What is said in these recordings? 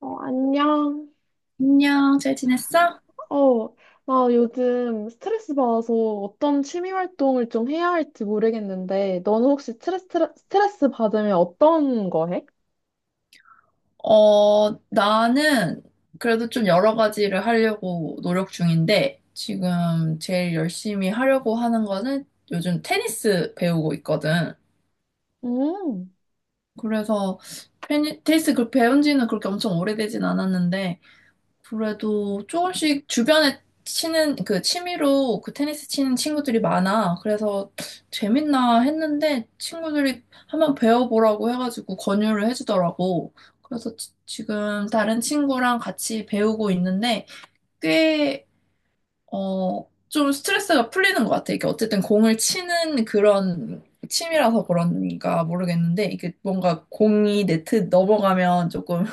어, 안녕. 안녕, 잘 지냈어? 어, 나 요즘 스트레스 받아서 어떤 취미 활동을 좀 해야 할지 모르겠는데, 너는 혹시 스트레스 받으면 어떤 거 해? 어, 나는 그래도 좀 여러 가지를 하려고 노력 중인데, 지금 제일 열심히 하려고 하는 거는 요즘 테니스 배우고 있거든. 음. 그래서 테니스 그 배운 지는 그렇게 엄청 오래되진 않았는데, 그래도 조금씩 주변에 치는, 그 취미로 그 테니스 치는 친구들이 많아. 그래서 재밌나 했는데 친구들이 한번 배워보라고 해가지고 권유를 해주더라고. 그래서 지금 다른 친구랑 같이 배우고 있는데 꽤, 어, 좀 스트레스가 풀리는 것 같아. 이게 어쨌든 공을 치는 그런 취미라서 그런가 모르겠는데 이게 뭔가 공이 네트 넘어가면 조금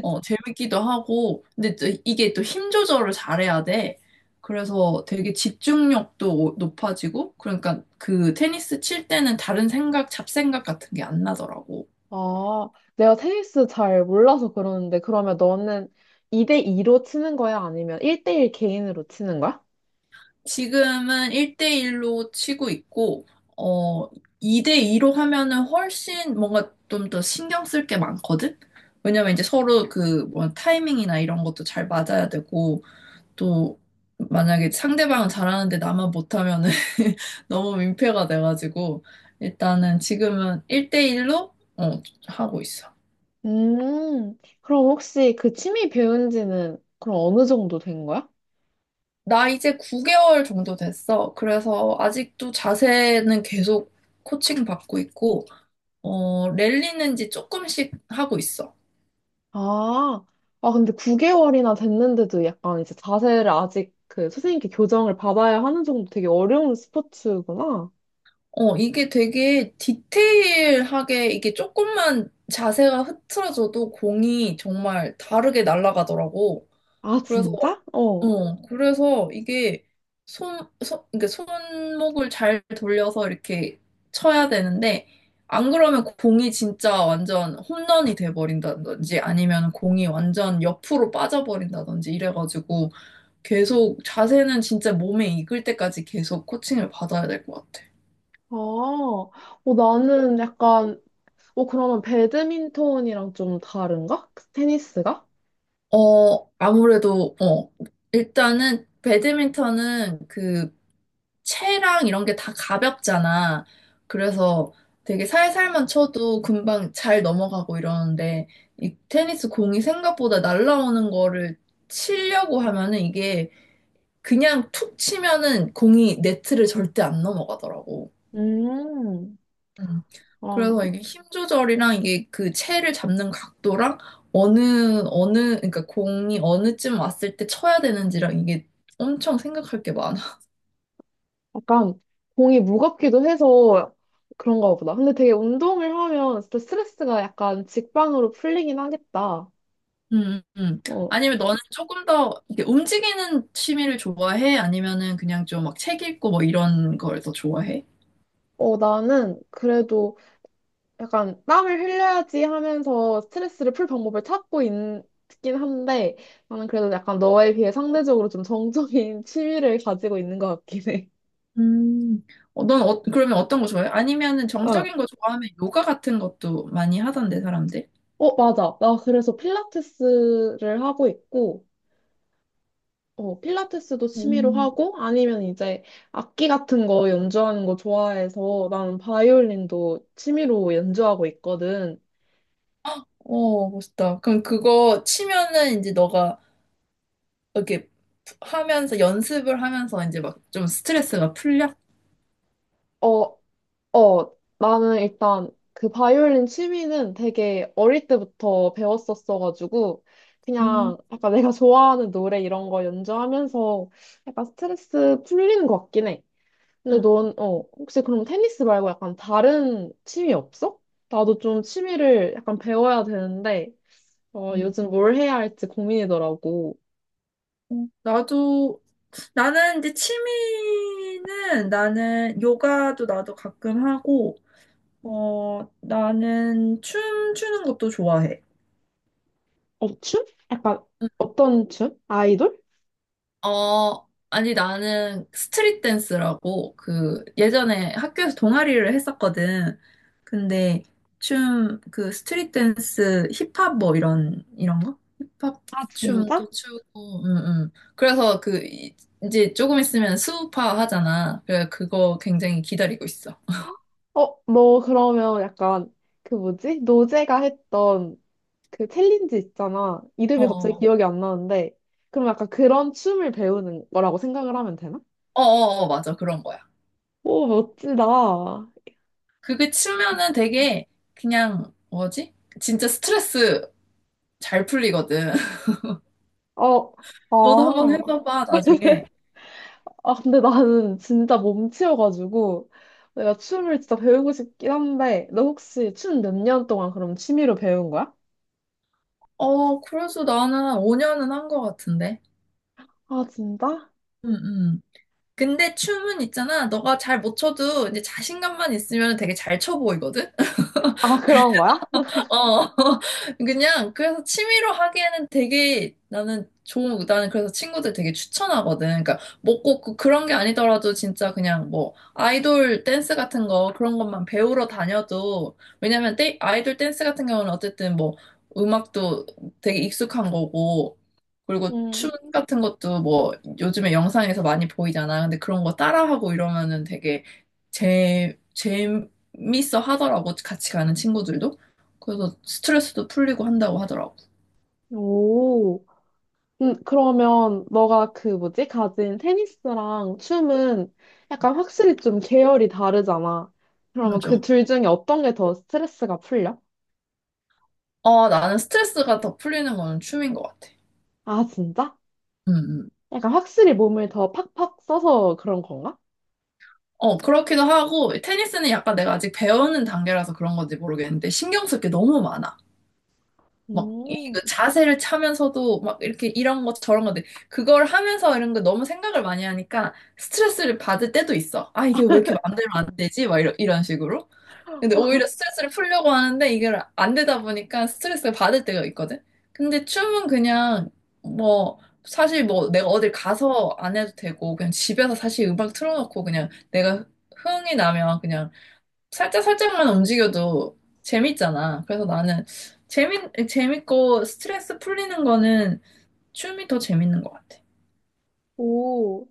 어, 재밌기도 하고, 근데 또 이게 또 힘 조절을 잘해야 돼. 그래서 되게 집중력도 높아지고, 그러니까 그 테니스 칠 때는 다른 생각, 잡생각 같은 게 안 나더라고. 아, 내가 테니스 잘 몰라서 그러는데, 그러면 너는 2대2로 치는 거야? 아니면 1대1 개인으로 치는 거야? 지금은 1대1로 치고 있고, 어, 2대2로 하면은 훨씬 뭔가 좀 더 신경 쓸 게 많거든? 왜냐면 이제 서로 그 뭐 타이밍이나 이런 것도 잘 맞아야 되고, 또 만약에 상대방은 잘하는데 나만 못하면은 너무 민폐가 돼가지고 일단은 지금은 1대1로 하고 있어. 음, 그럼 혹시 그 취미 배운 지는 그럼 어느 정도 된 거야? 나 이제 9개월 정도 됐어. 그래서 아직도 자세는 계속 코칭 받고 있고 어, 랠리는 이제 조금씩 하고 있어. 아, 아, 근데 9개월이나 됐는데도 약간 이제 자세를 아직 그 선생님께 교정을 받아야 하는 정도 되게 어려운 스포츠구나. 어, 이게 되게 디테일하게 이게 조금만 자세가 흐트러져도 공이 정말 다르게 날아가더라고. 아, 그래서 진짜? 어. 어, 그래서 이게 손, 손, 그러니까 손목을 잘 돌려서 이렇게 쳐야 되는데, 안 그러면 공이 진짜 완전 홈런이 돼버린다든지 아니면 공이 완전 옆으로 빠져버린다든지 이래가지고 계속 자세는 진짜 몸에 익을 때까지 계속 코칭을 받아야 될 것 같아. 아, 어, 나는 약간, 어, 그러면 배드민턴이랑 좀 다른가? 그 테니스가? 어, 아무래도, 어, 일단은 배드민턴은 그 채랑 이런 게 다 가볍잖아. 그래서 되게 살살만 쳐도 금방 잘 넘어가고 이러는데 이 테니스 공이 생각보다 날라오는 거를 치려고 하면은 이게 그냥 툭 치면은 공이 네트를 절대 안 넘어가더라고. 음, 음. 어, 그래서 이게 힘 조절이랑 이게 그 채를 잡는 각도랑 어느 그러니까 공이 어느쯤 왔을 때 쳐야 되는지랑 이게 엄청 생각할 게 많아. 약간 공이 무겁기도 해서 그런가 보다. 근데 되게 운동을 하면 진짜 스트레스가 약간 직방으로 풀리긴 하겠다. 음, 음. 어, 아니면 너는 조금 더 이렇게 움직이는 취미를 좋아해? 아니면은 그냥 좀 막 책 읽고 뭐 이런 걸 더 좋아해? 어, 나는 그래도 약간 땀을 흘려야지 하면서 스트레스를 풀 방법을 찾고 있긴 한데 나는 그래도 약간 너에 비해 상대적으로 좀 정적인 취미를 가지고 있는 것 같긴 해. 음, 어, 넌 어, 그러면 어떤 거 좋아해? 아니면은 어, 정적인 거 좋아하면 요가 같은 것도 많이 하던데, 사람들? 어, 맞아. 나 그래서 필라테스를 하고 있고 어, 필라테스도 취미로 음, 하고 아니면 이제 악기 같은 거 연주하는 거 좋아해서 나는 바이올린도 취미로 연주하고 있거든. 어, 멋있다. 그럼 그거 치면은 이제 너가 이렇게 하면서 연습을 하면서 이제 막 좀 스트레스가 풀려? 어, 어, 나는 일단 그 바이올린 취미는 되게 어릴 때부터 배웠었어가지고, 음, 그냥 약간 내가 좋아하는 노래 이런 거 연주하면서 약간 스트레스 풀리는 것 같긴 해. 근데 넌, 어, 혹시 그럼 테니스 말고 약간 다른 취미 없어? 나도 좀 취미를 약간 배워야 되는데, 어, 음. 요즘 뭘 해야 할지 고민이더라고. 나도 나는 이제 취미는 나는 요가도 나도 가끔 하고, 어, 나는 춤추는 것도 좋아해. 어, 춤? 약간 어떤 춤? 아이돌? 어, 아니, 나는 스트릿 댄스라고, 그, 예전에 학교에서 동아리를 했었거든. 근데, 춤, 그, 스트릿 댄스, 힙합 뭐, 이런 거? 힙합 아, 진짜? 춤도 추고, 응, 응. 그래서 그, 이제 조금 있으면 수우파 하잖아. 그래, 그거 굉장히 기다리고 있어. 어, 너 그러면 약간 그 뭐지? 노제가 했던 그 챌린지 있잖아. 이름이 갑자기 어. 기억이 안 나는데. 그럼 약간 그런 춤을 배우는 거라고 생각을 하면 되나? 어어어, 맞아. 그런 거야. 오, 멋지다. 그게 치면은 되게 그냥 뭐지? 진짜 스트레스 잘 풀리거든. 아, 너도 한번 해봐봐, 나중에. 근데 나는 진짜 몸치여가지고 내가 춤을 진짜 배우고 싶긴 한데, 너 혹시 춤 몇 년 동안 그럼 취미로 배운 거야? 어, 그래서 나는 5년은 한 거 같은데. 아, 진짜? 응, 응. 근데 춤은 있잖아. 너가 잘 못 춰도 이제 자신감만 있으면 되게 잘 춰 보이거든? 아, 그런 거야? 어, 그냥, 그래서 취미로 하기에는 되게 나는 좋은, 나는 그래서 친구들 되게 추천하거든. 그러니까, 먹고 그런 게 아니더라도 진짜 그냥 뭐, 아이돌 댄스 같은 거, 그런 것만 배우러 다녀도, 왜냐면 아이돌 댄스 같은 경우는 어쨌든 뭐, 음악도 되게 익숙한 거고, 그리고 춤 음. 같은 것도 뭐, 요즘에 영상에서 많이 보이잖아. 근데 그런 거 따라하고 이러면은 되게 재밌어 하더라고, 같이 가는 친구들도. 그래서 스트레스도 풀리고 한다고 하더라고. 오. 그러면 너가 그 뭐지? 가진 테니스랑 춤은 약간 확실히 좀 계열이 다르잖아. 그러면 그 맞아. 둘 중에 어떤 게 더 스트레스가 풀려? 어, 나는 스트레스가 더 풀리는 거는 춤인 것 같아. 아, 진짜? 음, 음. 약간 확실히 몸을 더 팍팍 써서 그런 건가? 어, 그렇기도 하고, 테니스는 약간 내가 아직 배우는 단계라서 그런 건지 모르겠는데, 신경 쓸 게 너무 많아. 막, 이 음. 그 자세를 차면서도, 막, 이렇게 이런 것, 저런 것, 그걸 하면서 이런 거 너무 생각을 많이 하니까, 스트레스를 받을 때도 있어. 아, 이게 왜 이렇게 마음대로 안 되지? 막, 이런 식으로. 근데 오히려 스트레스를 풀려고 하는데 이게 안 되다 보니까 스트레스를 받을 때가 있거든. 근데 춤은 그냥 뭐 사실 뭐 내가 어딜 가서 안 해도 되고 그냥 집에서 사실 음악 틀어놓고 그냥 내가 흥이 나면 그냥 살짝 살짝만 움직여도 재밌잖아. 그래서 나는 재밌고 스트레스 풀리는 거는 춤이 더 재밌는 것 같아. 오.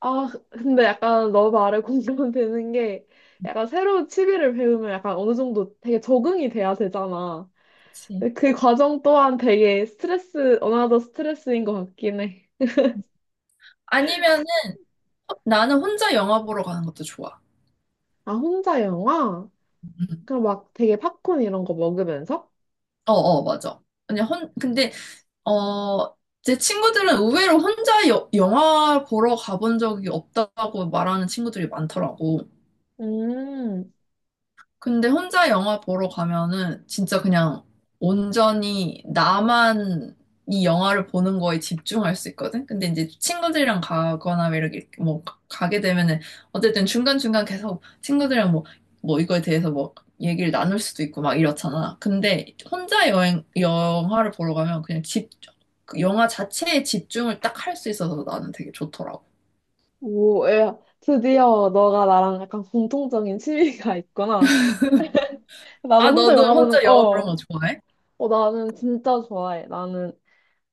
아, 근데 약간 너 말에 공감되는 게 약간 새로운 취미를 배우면 약간 어느 정도 되게 적응이 돼야 되잖아. 그치. 근데 그 과정 또한 되게 스트레스, 어나더 스트레스인 것 같긴 해. 아니면은 나는 혼자 영화 보러 가는 것도 좋아. 아, 혼자 영화? 음. 그럼 막 되게 팝콘 이런 거 먹으면서? 어, 어, 맞아. 근데 어, 제 친구들은 의외로 혼자 영화 보러 가본 적이 없다고 말하는 친구들이 많더라고. 음. 근데 혼자 영화 보러 가면은 진짜 그냥 온전히 나만 이 영화를 보는 거에 집중할 수 있거든? 근데 이제 친구들이랑 가거나 이렇게 뭐 게 되면은 어쨌든 중간중간 계속 친구들이랑 뭐, 뭐 이거에 대해서 뭐 얘기를 나눌 수도 있고 막 이렇잖아. 근데 혼자 영화를 보러 가면 그 영화 자체에 집중을 딱 할 수 있어서 나는 되게 좋더라고. 오, 야, 드디어 너가 나랑 약간 공통적인 취미가 있구나. 나도 아, 혼자 너도 영화 보는, 혼자 영화 보는 어, 거 좋아해? 어, 나는 진짜 좋아해. 나는,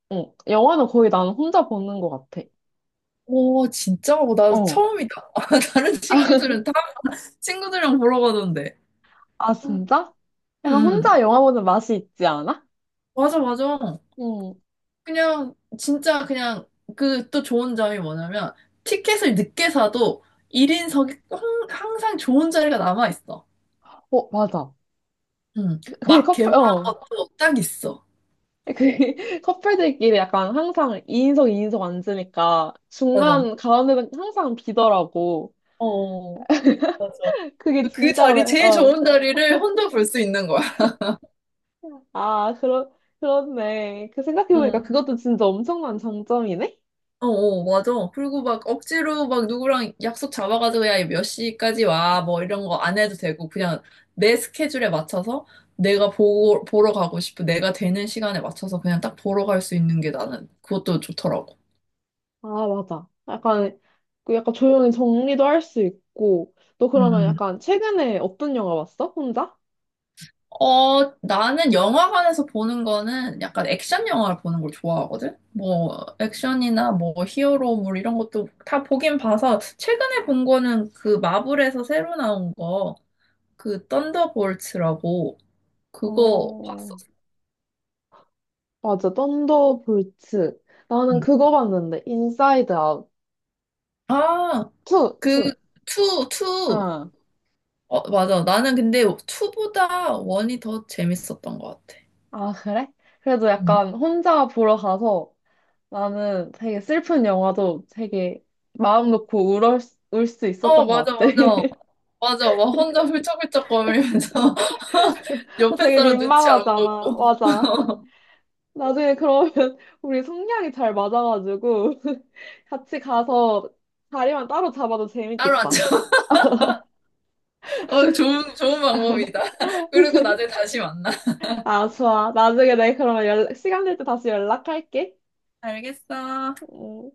어, 영화는 거의 나는 혼자 보는 것 같아. 오, 진짜? 어, 나 어. 처음이다. 다른 친구들은 다 친구들이랑 보러 가던데. 아, 진짜? 응, 약간 응. 혼자 영화 보는 맛이 있지 않아? 맞아, 맞아. 응. 그냥, 진짜 그냥, 그 또 좋은 점이 뭐냐면, 티켓을 늦게 사도 1인석이 항상 좋은 자리가 남아있어. 어, 맞아. 응. 그 막 커플, 개봉한 어. 것도 딱 있어. 그 커플들끼리 약간 항상 2인석 2인석 앉으니까 맞아. 중간 가운데는 항상 비더라고. 어, 맞아. 그게 그 진짜 자리, 왜, 제일 어. 좋은 자리를 혼자 볼 수 있는 거야. 아, 그렇네. 그 생각해보니까 응. 그것도 진짜 엄청난 장점이네? 어, 어, 맞아. 그리고 막 억지로 막 누구랑 약속 잡아가지고 야, 몇 시까지 와, 뭐 이런 거 안 해도 되고, 그냥 내 스케줄에 맞춰서 내가 보러 가고 싶은 내가 되는 시간에 맞춰서 그냥 딱 보러 갈 수 있는 게 나는 그것도 좋더라고. 아, 맞아. 약간 조용히 정리도 할 수 있고. 너 그러면 음, 약간 최근에 어떤 영화 봤어? 혼자? 어, 나는 영화관에서 보는 거는 약간 액션 영화를 보는 걸 좋아하거든? 뭐, 액션이나 뭐, 히어로물 이런 것도 다 보긴 봐서, 최근에 본 거는 그 마블에서 새로 나온 거, 그 썬더볼츠라고, 그거 어, 봤었어. 맞아. 썬더볼츠. 나는 응. 그거 봤는데, 인사이드 아웃. 아, 투, 그, 투. 투, 투. 어, 맞아. 나는 근데 투보다 원이 더 재밌었던 것 같아. 아, 그래? 그래도 응. 약간 혼자 보러 가서 나는 되게 슬픈 영화도 되게 마음 놓고 울을, 수- 울수 어, 있었던 맞아, 것 같아. 맞아. 맞아. 막 혼자 훌쩍훌쩍 거리면서 어, 옆에 되게 사람 눈치 안 보고 민망하잖아. 맞아. 나중에 그러면 우리 성향이 잘 맞아가지고 같이 가서 자리만 따로 잡아도 따로 재밌겠다. 앉아. 어, 좋은, 좋은 방법이다. 그리고 나중에 다시 만나. 아, 좋아. 나중에 내가 그러면 연락, 시간 될 때 다시 연락할게. 알겠어. 음.